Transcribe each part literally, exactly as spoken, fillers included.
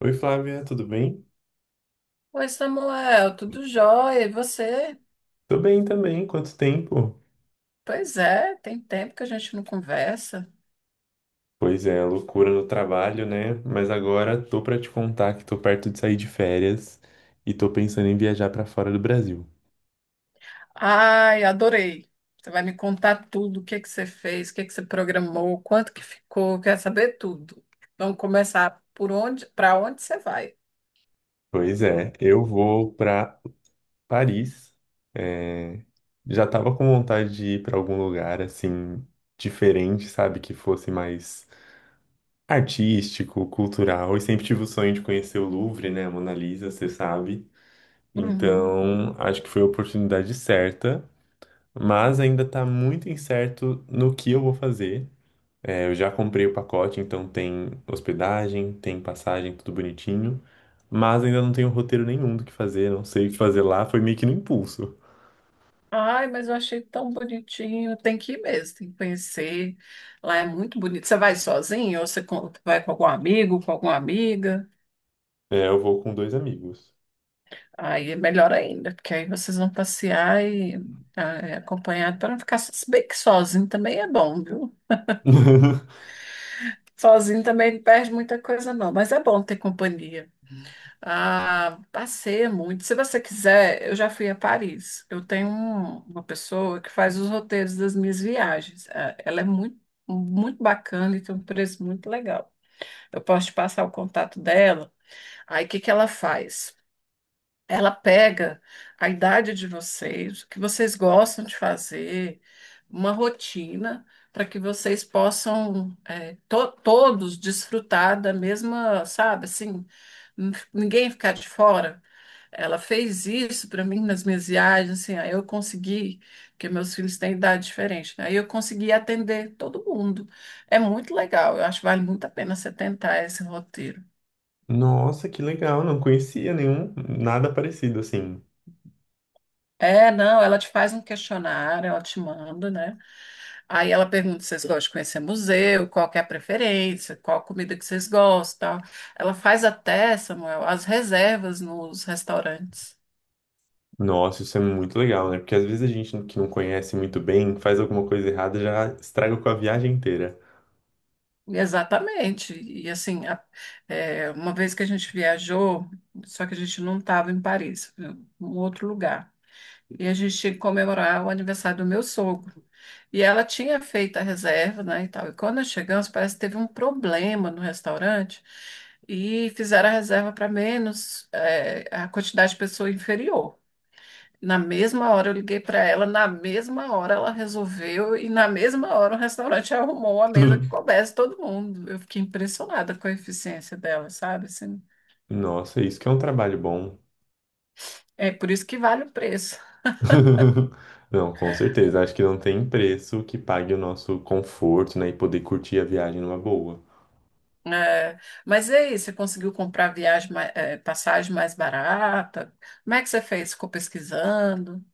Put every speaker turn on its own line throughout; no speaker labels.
Oi, Flávia, tudo bem?
Oi, Samuel, tudo jóia? E você?
Tô bem também, quanto tempo?
Pois é, tem tempo que a gente não conversa.
Pois é, loucura no trabalho, né? Mas agora tô pra te contar que tô perto de sair de férias e tô pensando em viajar pra fora do Brasil.
Ai, adorei. Você vai me contar tudo, o que que você fez, o que que você programou, quanto que ficou, quero saber tudo. Vamos começar por onde, para onde você vai.
Pois é, eu vou pra Paris. É, já tava com vontade de ir pra algum lugar assim diferente, sabe, que fosse mais artístico, cultural. E sempre tive o sonho de conhecer o Louvre, né, a Mona Lisa, você sabe.
Uhum.
Então, acho que foi a oportunidade certa. Mas ainda tá muito incerto no que eu vou fazer. É, eu já comprei o pacote, então tem hospedagem, tem passagem, tudo bonitinho, mas ainda não tenho roteiro nenhum do que fazer, não sei o que fazer lá, foi meio que no impulso.
Ai, mas eu achei tão bonitinho. Tem que ir mesmo, tem que conhecer. Lá é muito bonito. Você vai sozinho ou você com- vai com algum amigo, com alguma amiga?
É, eu vou com dois amigos.
Aí é melhor ainda, porque aí vocês vão passear e ah, é, acompanhado para não ficar so- se bem que sozinho também é bom, viu? Sozinho também não perde muita coisa, não, mas é bom ter companhia. Ah, passeia muito. Se você quiser, eu já fui a Paris. Eu tenho um- uma pessoa que faz os roteiros das minhas viagens. Ah, Ela é muito, muito bacana e tem um preço muito legal. Eu posso te passar o contato dela. Aí o que que ela faz? Ela pega a idade de vocês, o que vocês gostam de fazer, uma rotina para que vocês possam é, to- todos desfrutar da mesma, sabe, assim, n- ninguém ficar de fora. Ela fez isso para mim nas minhas viagens, assim, aí eu consegui, porque meus filhos têm idade diferente, né? Aí eu consegui atender todo mundo. É muito legal, eu acho que vale muito a pena você tentar esse roteiro.
Nossa, que legal, não conhecia nenhum, nada parecido assim.
É, não, ela te faz um questionário, ela te manda, né? Aí ela pergunta se vocês gostam de conhecer museu, qual que é a preferência, qual a comida que vocês gostam. Ela faz até, Samuel, as reservas nos restaurantes.
Nossa, isso é muito legal, né? Porque às vezes a gente que não conhece muito bem, faz alguma coisa errada, já estraga com a viagem inteira.
E, exatamente. E assim, a- é, uma vez que a gente viajou, só que a gente não estava em Paris, em um outro lugar. E a gente tinha que comemorar o aniversário do meu sogro. E ela tinha feito a reserva, né, e tal. E quando nós chegamos, parece que teve um problema no restaurante e fizeram a reserva para menos, eh, a quantidade de pessoa inferior. Na mesma hora eu liguei para ela, na mesma hora ela resolveu e na mesma hora o restaurante arrumou a mesa que coubesse todo mundo. Eu fiquei impressionada com a eficiência dela, sabe? Assim,
Nossa, isso que é um trabalho bom.
é por isso que vale o preço.
Não, com certeza. Acho que não tem preço que pague o nosso conforto, né? E poder curtir a viagem numa boa.
É, mas e aí, você conseguiu comprar viagem, ma- eh, passagem mais barata? Como é que você fez? Ficou pesquisando?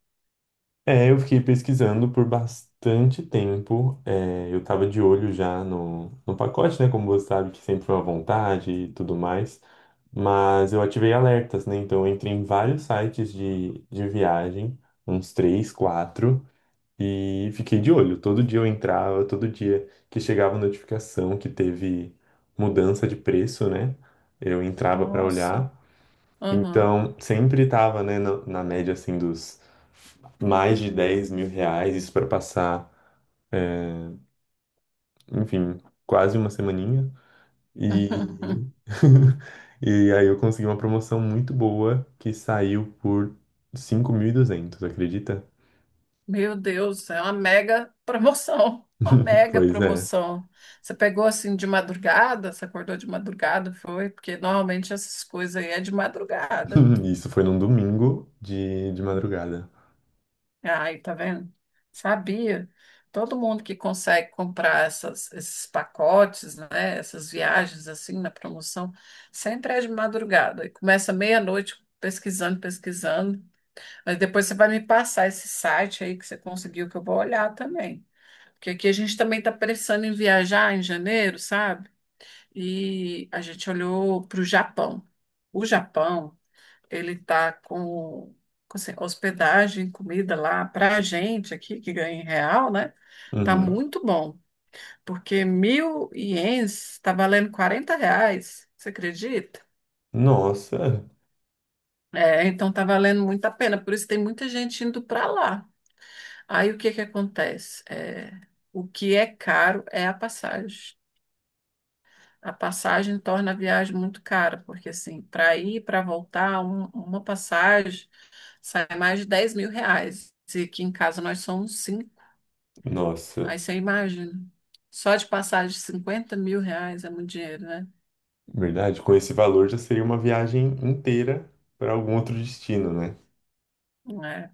É, eu fiquei pesquisando por bastante tempo. É, eu tava de olho já no, no pacote, né? Como você sabe, que sempre foi uma vontade e tudo mais. Mas eu ativei alertas, né? Então eu entrei em vários sites de, de viagem, uns três, quatro. E fiquei de olho. Todo dia eu entrava, todo dia que chegava notificação que teve mudança de preço, né? Eu entrava para
Nossa,
olhar.
aham.
Então, sempre estava, né, na, na média assim dos mais de dez mil reais, isso para passar, enfim, quase uma semaninha. E... e aí eu consegui uma promoção muito boa que saiu por cinco mil e duzentos, acredita?
Meu Deus, é uma mega promoção, uma mega
Pois é.
promoção. Você pegou assim de madrugada, você acordou de madrugada, foi? Porque normalmente essas coisas aí é de madrugada.
Isso foi num domingo de, de madrugada.
Ai, tá vendo? Sabia. Todo mundo que consegue comprar essas- esses pacotes, né, essas viagens assim na promoção, sempre é de madrugada. E começa meia-noite pesquisando, pesquisando. Mas depois você vai me passar esse site aí que você conseguiu, que eu vou olhar também. Porque aqui a gente também está pensando em viajar em janeiro, sabe? E a gente olhou para o Japão. O Japão. Ele está com, com, assim, hospedagem, comida lá para a gente aqui, que ganha em real, né? Tá
Uhum.
muito bom, porque mil ienes está valendo quarenta reais, você acredita?
Nossa,
É, então tá valendo muito a pena, por isso tem muita gente indo para lá. Aí o que que acontece? É, o que é caro é a passagem. A passagem torna a viagem muito cara, porque assim, para ir e para voltar, um- uma passagem sai mais de dez mil reais. E aqui em casa nós somos cinco.
nossa,
Aí você imagina. Só de passagem, de cinquenta mil reais é muito dinheiro, né?
verdade. Com esse valor já seria uma viagem inteira para algum outro destino, né?
É.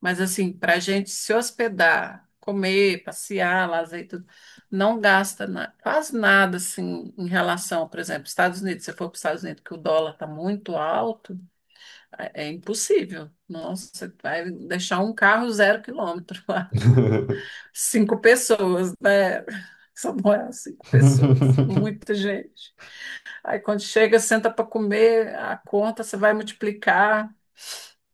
Mas assim, para a gente se hospedar, comer, passear, lazer e tudo, não gasta na- quase nada assim em relação, por exemplo, Estados Unidos. Se você for para os Estados Unidos, que o dólar está muito alto, é, é impossível. Nossa, você vai deixar um carro zero quilômetro. Cinco pessoas, né? Só moram cinco pessoas, é muita gente. Aí quando chega, senta para comer, a conta você vai multiplicar.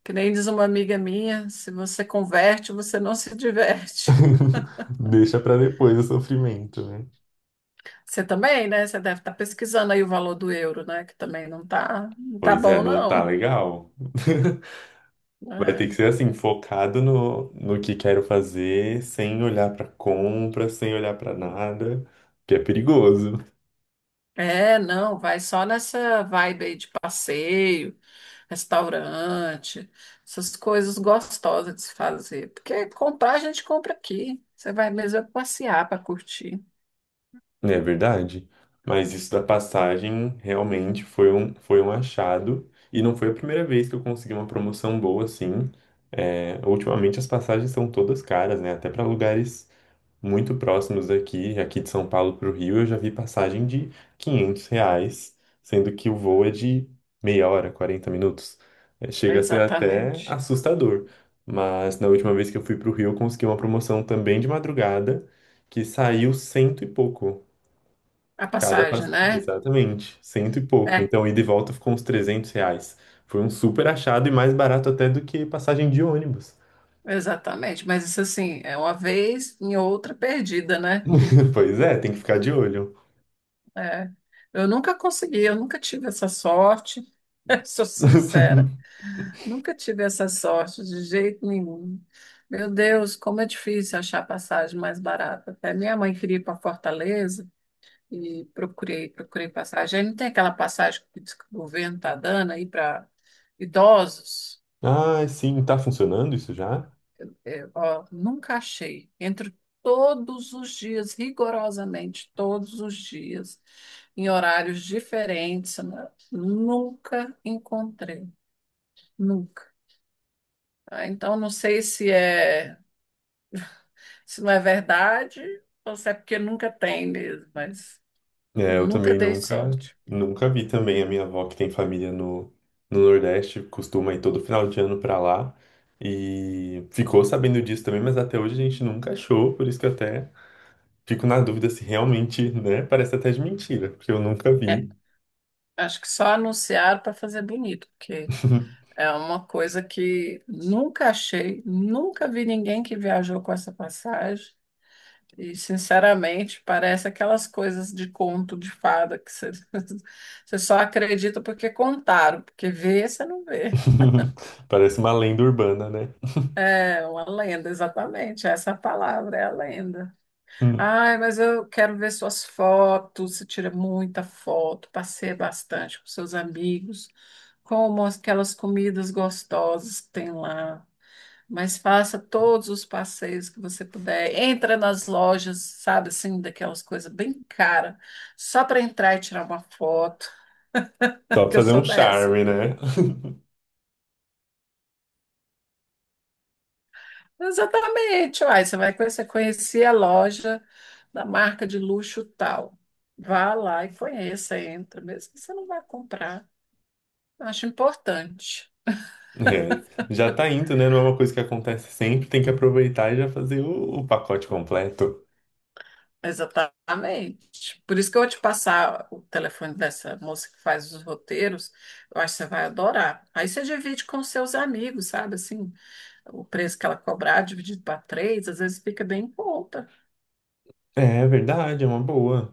Que nem diz uma amiga minha, se você converte, você não se diverte.
Deixa para depois o sofrimento, né?
Você também, né? Você deve estar pesquisando aí o valor do euro, né? Que também não tá, não tá
Pois é,
bom,
não tá
não.
legal. Vai
É,
ter que ser assim, focado no, no que quero fazer, sem olhar para compra, sem olhar para nada, que é perigoso.
é, não, vai só nessa vibe aí de passeio. Restaurante, essas coisas gostosas de se fazer. Porque comprar a gente compra aqui. Você vai mesmo é passear para curtir.
Não é verdade? Mas isso da passagem realmente foi um, foi um achado. E não foi a primeira vez que eu consegui uma promoção boa assim. É, ultimamente as passagens são todas caras, né? Até para lugares muito próximos daqui, aqui de São Paulo para o Rio, eu já vi passagem de quinhentos reais, sendo que o voo é de meia hora, quarenta minutos. É, chega a ser até
Exatamente.
assustador. Mas na última vez que eu fui para o Rio, eu consegui uma promoção também de madrugada que saiu cento e pouco.
A
Cada
passagem,
passe...
né?
Exatamente, cento e pouco.
É,
Então, ida e volta ficou uns trezentos reais. Foi um super achado e mais barato até do que passagem de ônibus.
exatamente. Mas isso assim, é uma vez em outra perdida, né?
Pois é, tem que ficar de olho.
É. Eu nunca consegui, eu nunca tive essa sorte. Sou sincera, nunca tive essa sorte de jeito nenhum. Meu Deus, como é difícil achar passagem mais barata. Até minha mãe queria ir para Fortaleza. E procurei, procurei passagem. Aí não tem aquela passagem que diz que o governo está dando aí para idosos?
Ah, sim, tá funcionando isso já?
É, ó, nunca achei. Entro todos os dias, rigorosamente, todos os dias, em horários diferentes, né? Nunca encontrei, nunca. Ah, então, não sei se é, se não é verdade ou se é porque nunca tem mesmo, mas
É, eu
nunca
também
dei
nunca,
sorte.
nunca vi também. A minha avó, que tem família no, no Nordeste, costuma ir todo final de ano pra lá. E ficou sabendo disso também, mas até hoje a gente nunca achou, por isso que eu até fico na dúvida se realmente, né, parece até de mentira, porque eu nunca
É,
vi.
acho que só anunciaram para fazer bonito, porque é uma coisa que nunca achei, nunca vi ninguém que viajou com essa passagem. E, sinceramente, parece aquelas coisas de conto de fada que você, você só acredita porque contaram, porque vê você não vê.
Parece uma lenda urbana, né?
É uma lenda, exatamente. Essa é a palavra é a lenda.
Hum.
Ai, mas eu quero ver suas fotos. Você tira muita foto, passeia bastante com seus amigos, como aquelas comidas gostosas que tem lá. Mas faça todos os passeios que você puder. Entra nas lojas, sabe assim, daquelas coisas bem cara, só para entrar e tirar uma foto,
Só pra
porque eu
fazer um
sou dessa.
charme, né?
Exatamente, uai, você vai conhecer, conhecer a loja da marca de luxo tal. Vá lá e conheça, entra, mesmo que você não vai comprar. Acho importante.
É, já tá indo, né? Não é uma coisa que acontece sempre, tem que aproveitar e já fazer o, o pacote completo.
Exatamente. Por isso que eu vou te passar o telefone dessa moça que faz os roteiros. Eu acho que você vai adorar. Aí você divide com seus amigos, sabe? Assim, o preço que ela cobrar dividido para três, às vezes fica bem em conta,
É é verdade, é uma boa.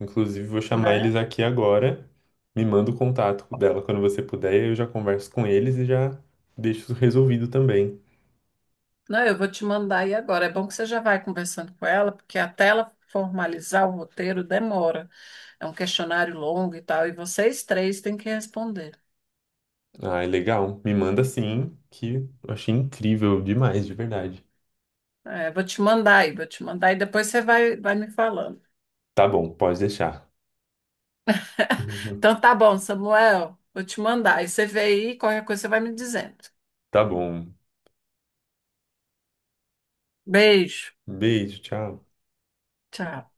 Inclusive, vou chamar eles
né?
aqui agora. Me manda o contato dela quando você puder, eu já converso com eles e já deixo isso resolvido também.
Não, eu vou te mandar aí agora. É bom que você já vai conversando com ela, porque até ela formalizar o roteiro demora. É um questionário longo e tal, e vocês três têm que responder.
Ah, é legal. Me manda sim, que eu achei incrível demais, de verdade.
É, vou te mandar aí, vou te mandar aí, depois você vai, vai me falando.
Tá bom, pode deixar.
Então tá bom, Samuel. Vou te mandar. E você vê aí, qualquer coisa você vai me dizendo.
Tá bom.
Beijo.
Beijo, tchau.
Tchau.